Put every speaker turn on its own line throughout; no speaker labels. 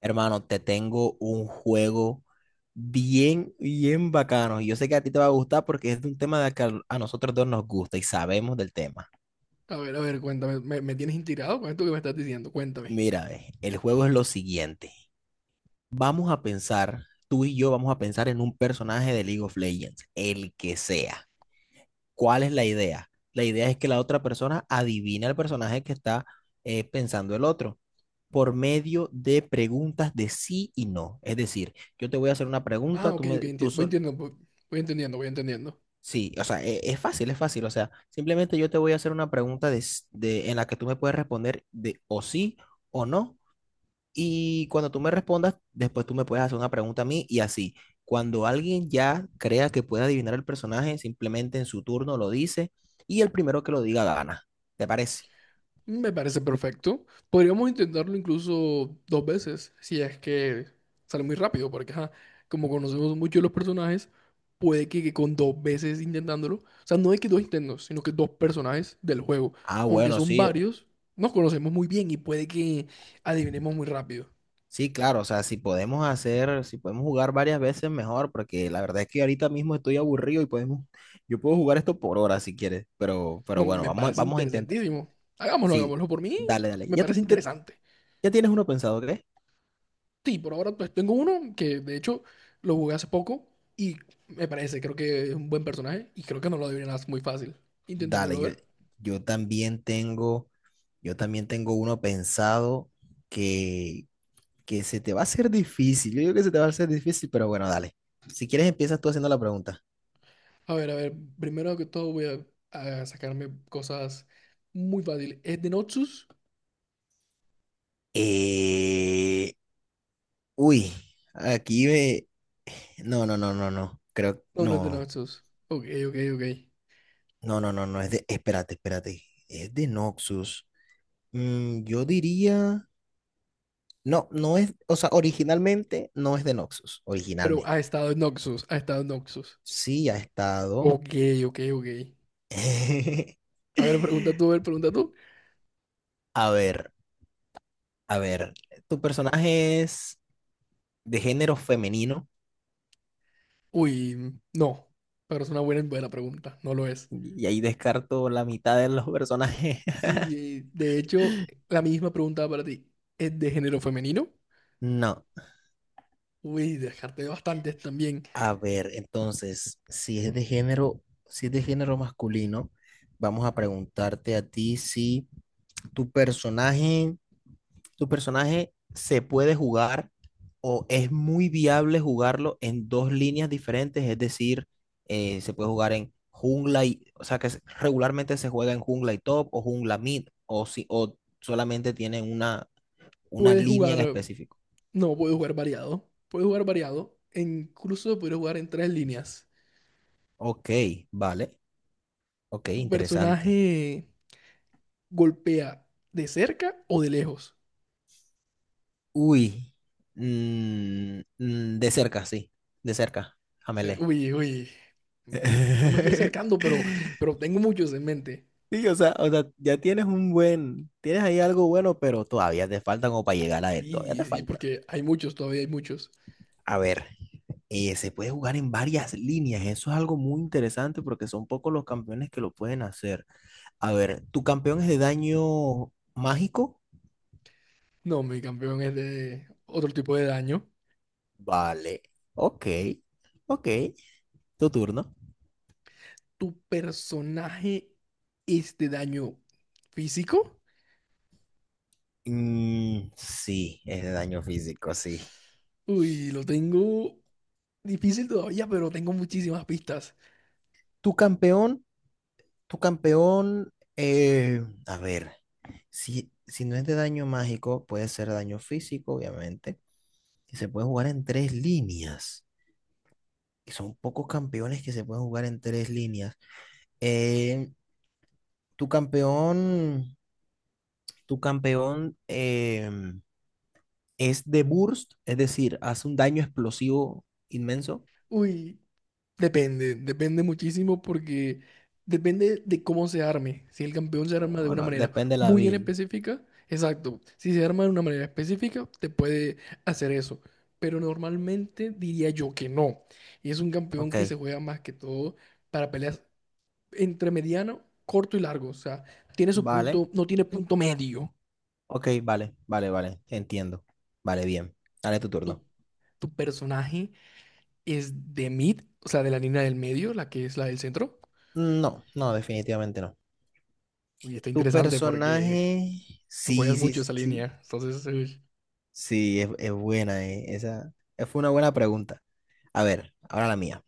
Hermano, te tengo un juego bien, bien bacano. Y yo sé que a ti te va a gustar porque es de un tema de que a nosotros dos nos gusta y sabemos del tema.
A ver, cuéntame. ¿Me tienes intrigado con esto que me estás diciendo? Cuéntame.
Mira, ve, el juego es lo siguiente. Vamos a pensar, tú y yo vamos a pensar en un personaje de League of Legends, el que sea. ¿Cuál es la idea? La idea es que la otra persona adivina el personaje que está pensando el otro por medio de preguntas de sí y no. Es decir, yo te voy a hacer una
Ah,
pregunta, tú,
ok, ok,
me, tú,
voy
sol-
entendiendo, voy entendiendo, voy entendiendo.
Sí, o sea, es fácil, es fácil. O sea, simplemente yo te voy a hacer una pregunta de, en la que tú me puedes responder de o sí o no. Y cuando tú me respondas, después tú me puedes hacer una pregunta a mí y así. Cuando alguien ya crea que puede adivinar el personaje, simplemente en su turno lo dice y el primero que lo diga gana. ¿Te parece?
Me parece perfecto. Podríamos intentarlo incluso dos veces, si es que sale muy rápido, porque ajá, como conocemos mucho de los personajes, puede que con dos veces intentándolo, o sea, no es que dos intentos, sino que dos personajes del juego,
Ah,
aunque
bueno,
son
sí.
varios, nos conocemos muy bien y puede que adivinemos muy rápido.
Sí, claro, o sea, si podemos hacer, si podemos jugar varias veces mejor, porque la verdad es que ahorita mismo estoy aburrido y podemos, yo puedo jugar esto por horas si quieres, pero
No,
bueno,
me
vamos,
parece
vamos a intentar.
interesantísimo. Hagámoslo,
Sí,
hagámoslo. Por mí,
dale, dale.
me parece interesante.
Ya tienes uno pensado, ¿qué?
Sí, por ahora pues tengo uno que de hecho lo jugué hace poco y me parece, creo que es un buen personaje y creo que no lo adivinas muy fácil.
Dale,
Intentémoslo ver.
yo también tengo, yo también tengo uno pensado que, que se te va a hacer difícil. Yo digo que se te va a hacer difícil, pero bueno, dale. Si quieres, empiezas tú haciendo la pregunta.
A ver, a ver, primero que todo voy a sacarme cosas muy fáciles. ¿Es de Noxus?
Eh, uy, aquí me, No, no, no, no, no.
No, no es de Noxus. Ok, ok, ok.
No, no, no, no. Es de, espérate, espérate. Es de Noxus. Mm, yo diría, no, no es, o sea, originalmente no es de Noxus,
Pero
originalmente.
ha estado en Noxus, ha estado en Noxus.
Sí ha estado.
Ok, ok, ok. A ver, pregunta tú, a ver, pregunta tú.
A ver, a ver. Tu personaje es de género femenino,
Uy, no, pero es una buena, buena pregunta, no lo es.
y ahí descarto la mitad de los personajes.
Sí, de hecho, la misma pregunta para ti. ¿Es de género femenino?
No.
Uy, dejarte bastantes también.
A ver, entonces, si es de género, si es de género masculino, vamos a preguntarte a ti si tu personaje, tu personaje se puede jugar o es muy viable jugarlo en dos líneas diferentes, es decir, se puede jugar en jungla y, o sea, que regularmente se juega en jungla y top o jungla mid o si o solamente tienen una
Puedes
línea
jugar,
en específico.
no, puedes jugar variado. Puedes jugar variado, e incluso puedes jugar en tres líneas.
Ok, vale. Ok,
¿Tu
interesante.
personaje golpea de cerca o de lejos?
Uy, de cerca, sí, de cerca,
O
Amelé.
Uy, uy. No me estoy acercando, pero tengo muchos en mente.
Sí, o sea, ya tienes un buen, tienes ahí algo bueno, pero todavía te falta como para llegar a él, todavía
Sí,
te
sí,
falta.
porque hay muchos, todavía hay muchos.
A ver, se puede jugar en varias líneas, eso es algo muy interesante porque son pocos los campeones que lo pueden hacer. A ver, ¿tu campeón es de daño mágico?
No, mi campeón es de otro tipo de daño.
Vale, ok, ok, tu turno.
¿Tu personaje es de daño físico?
Mm, sí, es de daño físico, sí.
Uy, lo tengo difícil todavía, pero tengo muchísimas pistas.
Tu campeón, tu campeón, a ver, si, si no es de daño mágico, puede ser daño físico, obviamente, que se puede jugar en tres líneas, que son pocos campeones que se pueden jugar en tres líneas. Eh, tu campeón, tu campeón es de burst, es decir, hace un daño explosivo inmenso.
Uy, depende, depende muchísimo porque depende de cómo se arme. Si el campeón se arma de una
Bueno,
manera
depende de la
muy en
build.
específica, exacto. Si se arma de una manera específica, te puede hacer eso. Pero normalmente diría yo que no. Y es un campeón
Ok,
que se juega más que todo para peleas entre mediano, corto y largo. O sea, tiene su
vale.
punto, no tiene punto medio.
Ok, vale, vale, vale, entiendo. Vale, bien. Dale tu
Tu,
turno.
tu personaje es de mid, o sea, de la línea del medio, la que es la del centro.
No, no, definitivamente no.
Uy, está
Tu
interesante porque
personaje,
tú
sí,
juegas
sí,
mucho esa
sí,
línea. Entonces, uy,
sí, es buena, esa fue una buena pregunta. A ver, ahora la mía.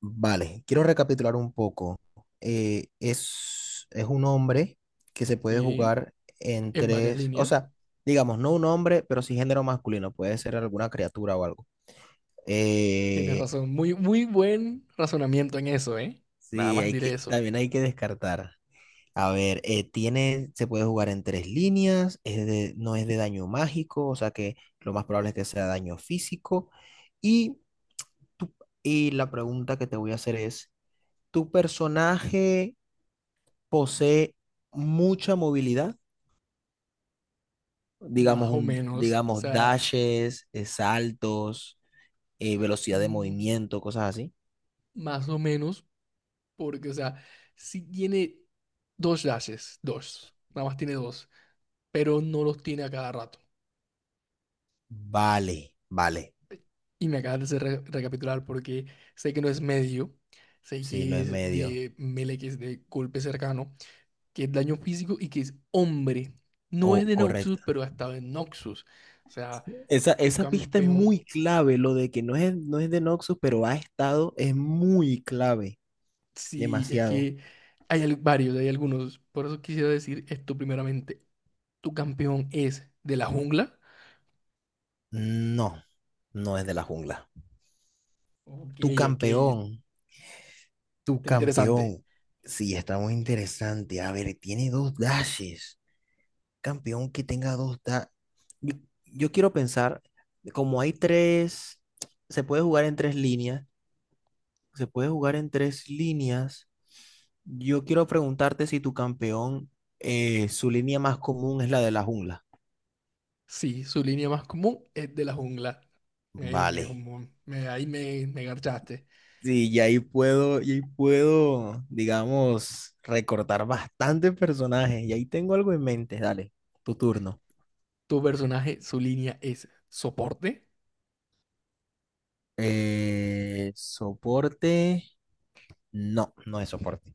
Vale, quiero recapitular un poco. Es un hombre que se puede
sí,
jugar en
en varias
tres, o
líneas.
sea, digamos, no un hombre, pero sí género masculino, puede ser alguna criatura o algo.
Tienes
Eh,
razón. Muy, muy buen razonamiento en eso, ¿eh? Nada
sí,
más
hay
diré
que,
eso.
también hay que descartar. A ver, se puede jugar en tres líneas, no es de daño mágico, o sea que lo más probable es que sea daño físico. Y, tu- y la pregunta que te voy a hacer es, ¿tu personaje posee mucha movilidad? Digamos,
Más o
un,
menos, o
digamos
sea,
dashes, saltos, velocidad de
mm,
movimiento, cosas así.
más o menos, porque, o sea, sí tiene dos dashes, dos. Nada más tiene dos, pero no los tiene a cada rato.
Vale, vale,
Y me acabas de hacer recapitular porque sé que no es medio, sé
sí, no
que
es
es
medio.
de melee, que es de golpe cercano, que es daño físico y que es hombre. No es de
O
Noxus, pero ha estado en Noxus. O sea,
Esa,
tu
esa pista es
campeón,
muy clave, lo de que no es, no es de Noxus, pero ha estado, es muy clave,
sí, es
demasiado.
que hay varios, hay algunos. Por eso quisiera decir esto primeramente. ¿Tu campeón es de la jungla?
No, no es de la jungla.
Ok,
Tu
ok,
campeón, tu
está interesante.
campeón. Sí, está muy interesante. A ver, tiene dos dashes. Campeón que tenga dos dashes. Yo, yo quiero pensar, como hay tres, se puede jugar en tres líneas, se puede jugar en tres líneas. Yo quiero preguntarte si su línea más común es la de la jungla.
Sí, su línea más común es de la jungla. Eh, me,
Vale.
ahí me garchaste.
Sí, y ahí puedo, digamos, recortar bastantes personajes. Y ahí tengo algo en mente. Dale, tu turno.
Tu personaje, su línea es soporte.
Soporte. No, no es soporte.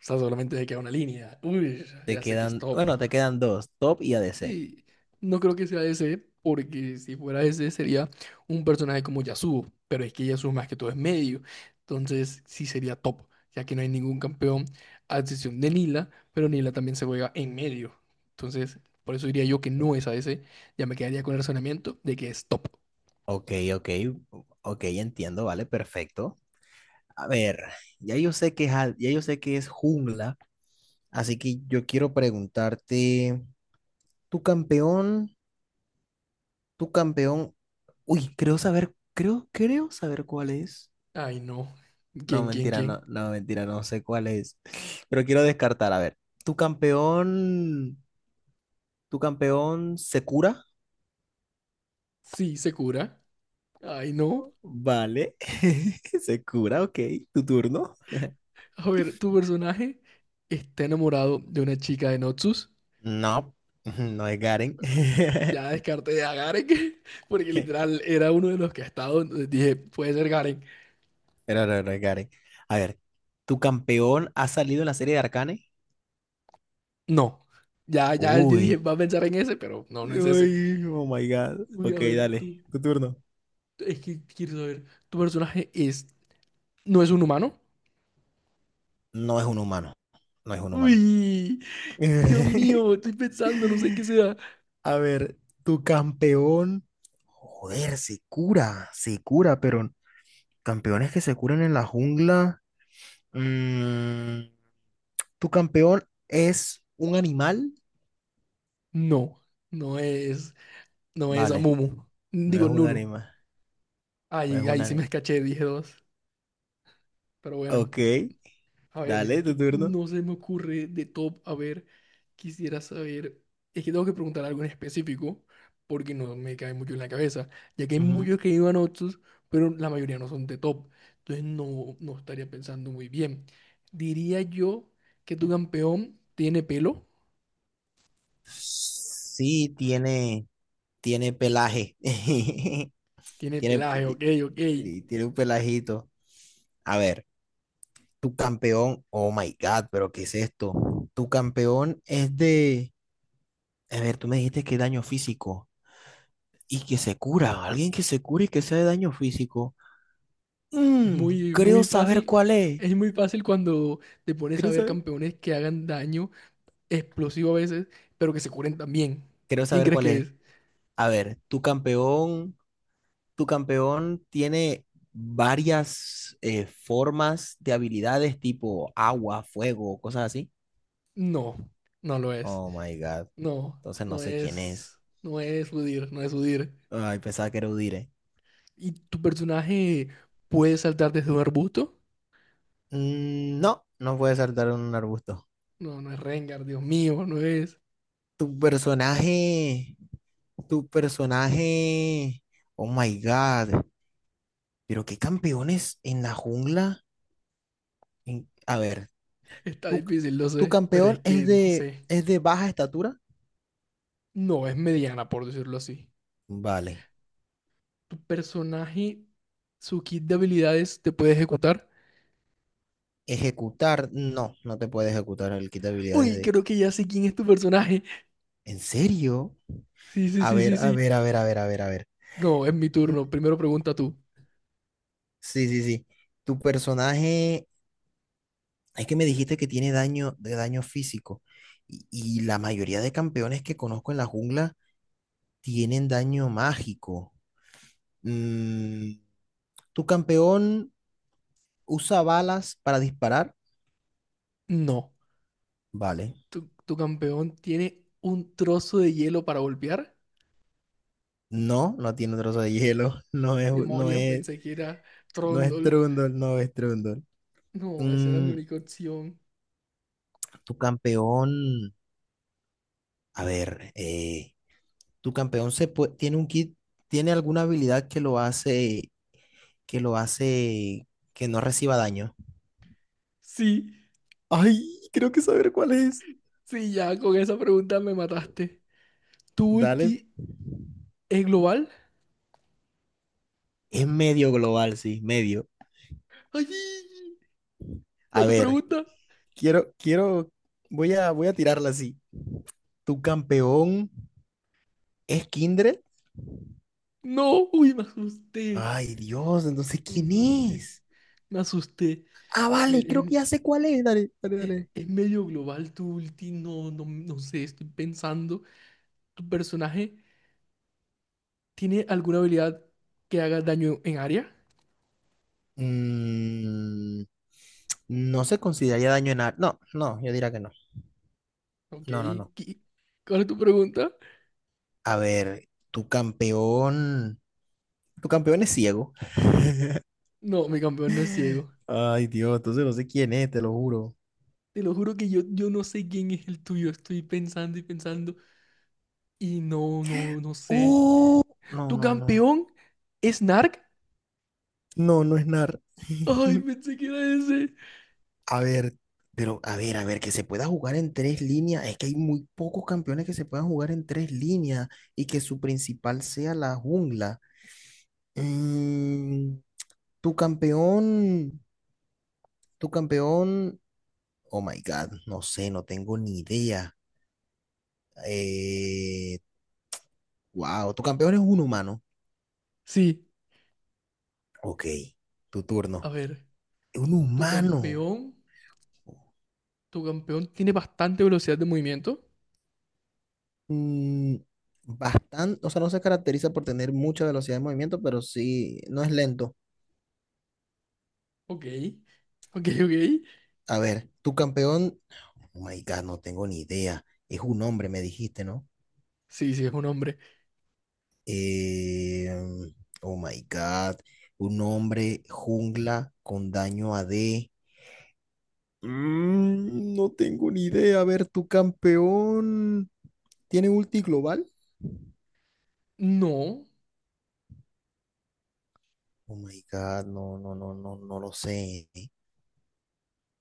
O sea, solamente le queda una línea. Uy,
Te
ya sé que es
quedan,
top.
bueno, te quedan dos, top y ADC.
Sí, no creo que sea ese, porque si fuera ese sería un personaje como Yasuo, pero es que Yasuo más que todo es medio, entonces sí sería top, ya que no hay ningún campeón a excepción de Nila, pero Nila también se juega en medio, entonces por eso diría yo que no es a ese, ya me quedaría con el razonamiento de que es top.
Ok, ok, ok, entiendo, vale, perfecto. A ver, ya yo sé que es, ya yo sé que es jungla. Así que yo quiero preguntarte, tu campeón, tu campeón, uy, creo saber, creo saber cuál es.
Ay no,
No,
¿quién, quién,
mentira,
quién?
no, no, mentira, no sé cuál es. Pero quiero descartar, a ver, tu campeón, tu campeón se cura,
Sí, se cura. Ay no,
vale, se cura, ok, tu turno.
a ver, tu personaje está enamorado de una chica de Noxus.
No, no es Garen.
Ay, ya descarté a Garen, porque literal era uno de los que ha estado, entonces dije, puede ser Garen.
Pero no, no es Garen. A ver, ¿tu campeón ha salido en la serie de Arcane?
No, ya, ya yo dije,
Uy.
va a pensar en ese, pero no, no es ese.
Uy, oh my God.
Uy, a
Ok,
ver,
dale,
tú,
tu turno.
es que quiero saber, ¿tu personaje es, no es un humano?
No es un humano. No es un humano.
Uy, Dios mío, estoy pensando, no sé qué sea.
A ver, tu campeón. Joder, se cura, pero campeones que se curan en la jungla. Mm, ¿tu campeón es un animal?
No, no es, no es
Vale,
Amumu.
no es
Digo,
un
Nuno.
animal. No es
Ay,
un
ahí sí me
animal.
escaché, dije dos, pero bueno.
Ok,
A ver, es
dale, tu
que
turno.
no se me ocurre de top. A ver, quisiera saber. Es que tengo que preguntar algo en específico porque no me cae mucho en la cabeza, ya que hay
Ujú.
muchos que iban otros, pero la mayoría no son de top. Entonces no, no estaría pensando muy bien. Diría yo que tu campeón tiene pelo,
Sí, tiene, tiene pelaje.
tiene
Tiene,
pelaje, ok, ok.
y tiene un pelajito. A ver, tu campeón, oh my God, pero ¿qué es esto? Tu campeón es de, a ver, tú me dijiste que daño físico y que se cura, alguien que se cure y que sea de daño físico.
Es
Mm,
muy,
creo
muy
saber
fácil.
cuál es.
Es muy fácil cuando te pones a
Creo
ver
saber.
campeones que hagan daño explosivo a veces, pero que se curen también.
Creo
¿Quién
saber
crees
cuál
que
es.
es?
A ver, tu campeón tiene varias formas de habilidades tipo agua, fuego, cosas así.
No, no lo es.
Oh my God.
No,
Entonces no
no
sé quién es.
es, no es Udyr, no es Udyr.
Ay, pensaba que era Udire.
¿Y tu personaje puede saltar desde un arbusto?
Mm, no, no puede saltar en un arbusto.
No, no es Rengar, Dios mío, no es.
Tu personaje. Tu personaje. Oh my God. Pero qué campeones en la jungla. A ver,
Está
tu,
difícil, lo
tu
sé, pero es
campeón
que no sé.
es de baja estatura.
No es mediana, por decirlo así.
Vale.
¿Tu personaje, su kit de habilidades te puede ejecutar?
Ejecutar. No, no te puede ejecutar el kit de habilidades
Uy,
de.
creo que ya sé quién es tu personaje.
¿En serio?
Sí, sí,
A
sí,
ver,
sí,
a
sí.
ver, a ver, a ver, a ver, a ver.
No, es mi
Mm,
turno. Primero pregunta tú.
sí, sí, sí. Tu personaje, es que me dijiste que tiene daño de daño físico y la mayoría de campeones que conozco en la jungla tienen daño mágico. Mm, ¿tu campeón usa balas para disparar?
No.
Vale.
¿Tu campeón tiene un trozo de hielo para golpear?
No, no tiene trozo de hielo, no es, no
Demonio,
es,
pensé que era
no es
Trondol.
Trundle, no es Trundle.
No, esa era mi
Mm,
única opción.
tu campeón, a ver, tu campeón se pue- tiene un kit, tiene alguna habilidad que lo hace, que lo hace que no reciba daño.
Sí,
Ay, creo que saber cuál es.
sí, ya con esa pregunta me mataste. ¿Tu
Dale.
ulti es global?
Es medio global, sí, medio.
¡Ay! ¿Va
A
tu
ver,
pregunta?
quiero, quiero, voy a, voy a tirarla así. ¿Tu campeón es Kindred?
No, uy, me asusté.
Ay, Dios, entonces,
Me
¿quién
asusté.
es?
Me asusté.
Ah,
A
vale,
ver,
creo que ya sé cuál es. Dale, dale, dale.
es medio global tu ulti. No, no, no sé, estoy pensando. ¿Tu personaje tiene alguna habilidad que haga daño en área?
Mm, no se consideraría no, no, yo diría que no.
Ok,
No, no, no.
¿qué- ¿cuál es tu pregunta?
A ver, tu campeón es ciego.
No, mi campeón no es ciego.
Ay, Dios, entonces no sé quién es, te lo juro.
Te lo juro que yo no sé quién es el tuyo. Estoy pensando y pensando y no, no, no sé.
Oh, no,
¿Tu
no, no.
campeón es Narc?
No, no es NAR.
Ay, pensé que era ese.
A ver, pero a ver, que se pueda jugar en tres líneas. Es que hay muy pocos campeones que se puedan jugar en tres líneas y que su principal sea la jungla. Mm, tu campeón, tu campeón, oh my God, no sé, no tengo ni idea. Eh, wow, tu campeón es un humano.
Sí,
Ok, tu turno.
a ver.
Un
Tu
humano.
campeón, tu campeón tiene bastante velocidad de movimiento.
Mm, bastante, o sea, no se caracteriza por tener mucha velocidad de movimiento, pero sí, no es lento.
Ok, ok, ok.
A ver, tu campeón, oh my God, no tengo ni idea. Es un hombre, me dijiste, ¿no?
Sí, sí, es un hombre.
Eh, oh my God, un hombre jungla con daño AD. Mm, no tengo ni idea. A ver, tu campeón tiene ulti global.
No,
Oh my God, no, no, no, no, no lo sé,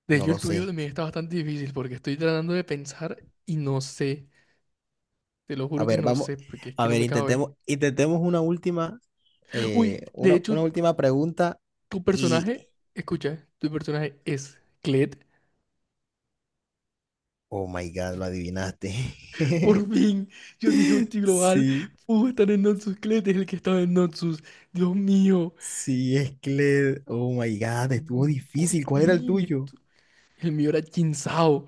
de
no
hecho el
lo sé.
tuyo también está bastante difícil porque estoy tratando de pensar y no sé. Te lo
A
juro que
ver,
no
vamos,
sé porque es que
a
no
ver,
me cabe.
intentemos, intentemos una última,
Uy, de hecho,
una última pregunta
tu
y,
personaje, escucha, tu personaje es Klett.
oh my God, lo adivinaste.
Por fin, yo dije Ulti Global
Sí,
pudo estar en Noxus. Klett es el que estaba en Noxus. Dios mío,
sí, es Cled. Oh my God, estuvo
por
difícil. ¿Cuál era el
fin.
tuyo?
El mío era Jin Sao.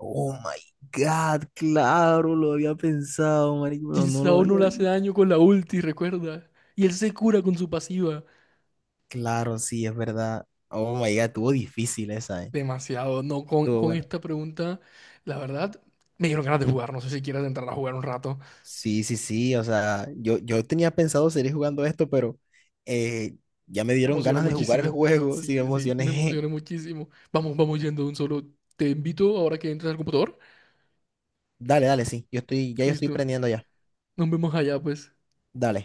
Oh my God, claro, lo había pensado, marico, pero
Jin
no lo
Sao no
había
le hace
dicho.
daño con la ulti, recuerda. Y él se cura con su pasiva.
Claro, sí, es verdad. Oh my God, estuvo difícil esa, ¿eh?
Demasiado, no, con,
Estuvo
con
buena.
esta pregunta, la verdad, me dieron ganas de jugar. No sé si quieres entrar a jugar un rato.
Sí, sí, sí, o sea, yo tenía pensado seguir jugando esto, pero eh, ya me
Me
dieron
emocioné
ganas de jugar el
muchísimo.
juego, sí me
Sí, sí, me
emocioné.
emocioné muchísimo. Vamos, vamos yendo de un solo. Te invito ahora que entres al computador.
Dale, dale, sí, yo estoy, ya yo estoy
Listo.
prendiendo ya.
Nos vemos allá, pues.
Dale.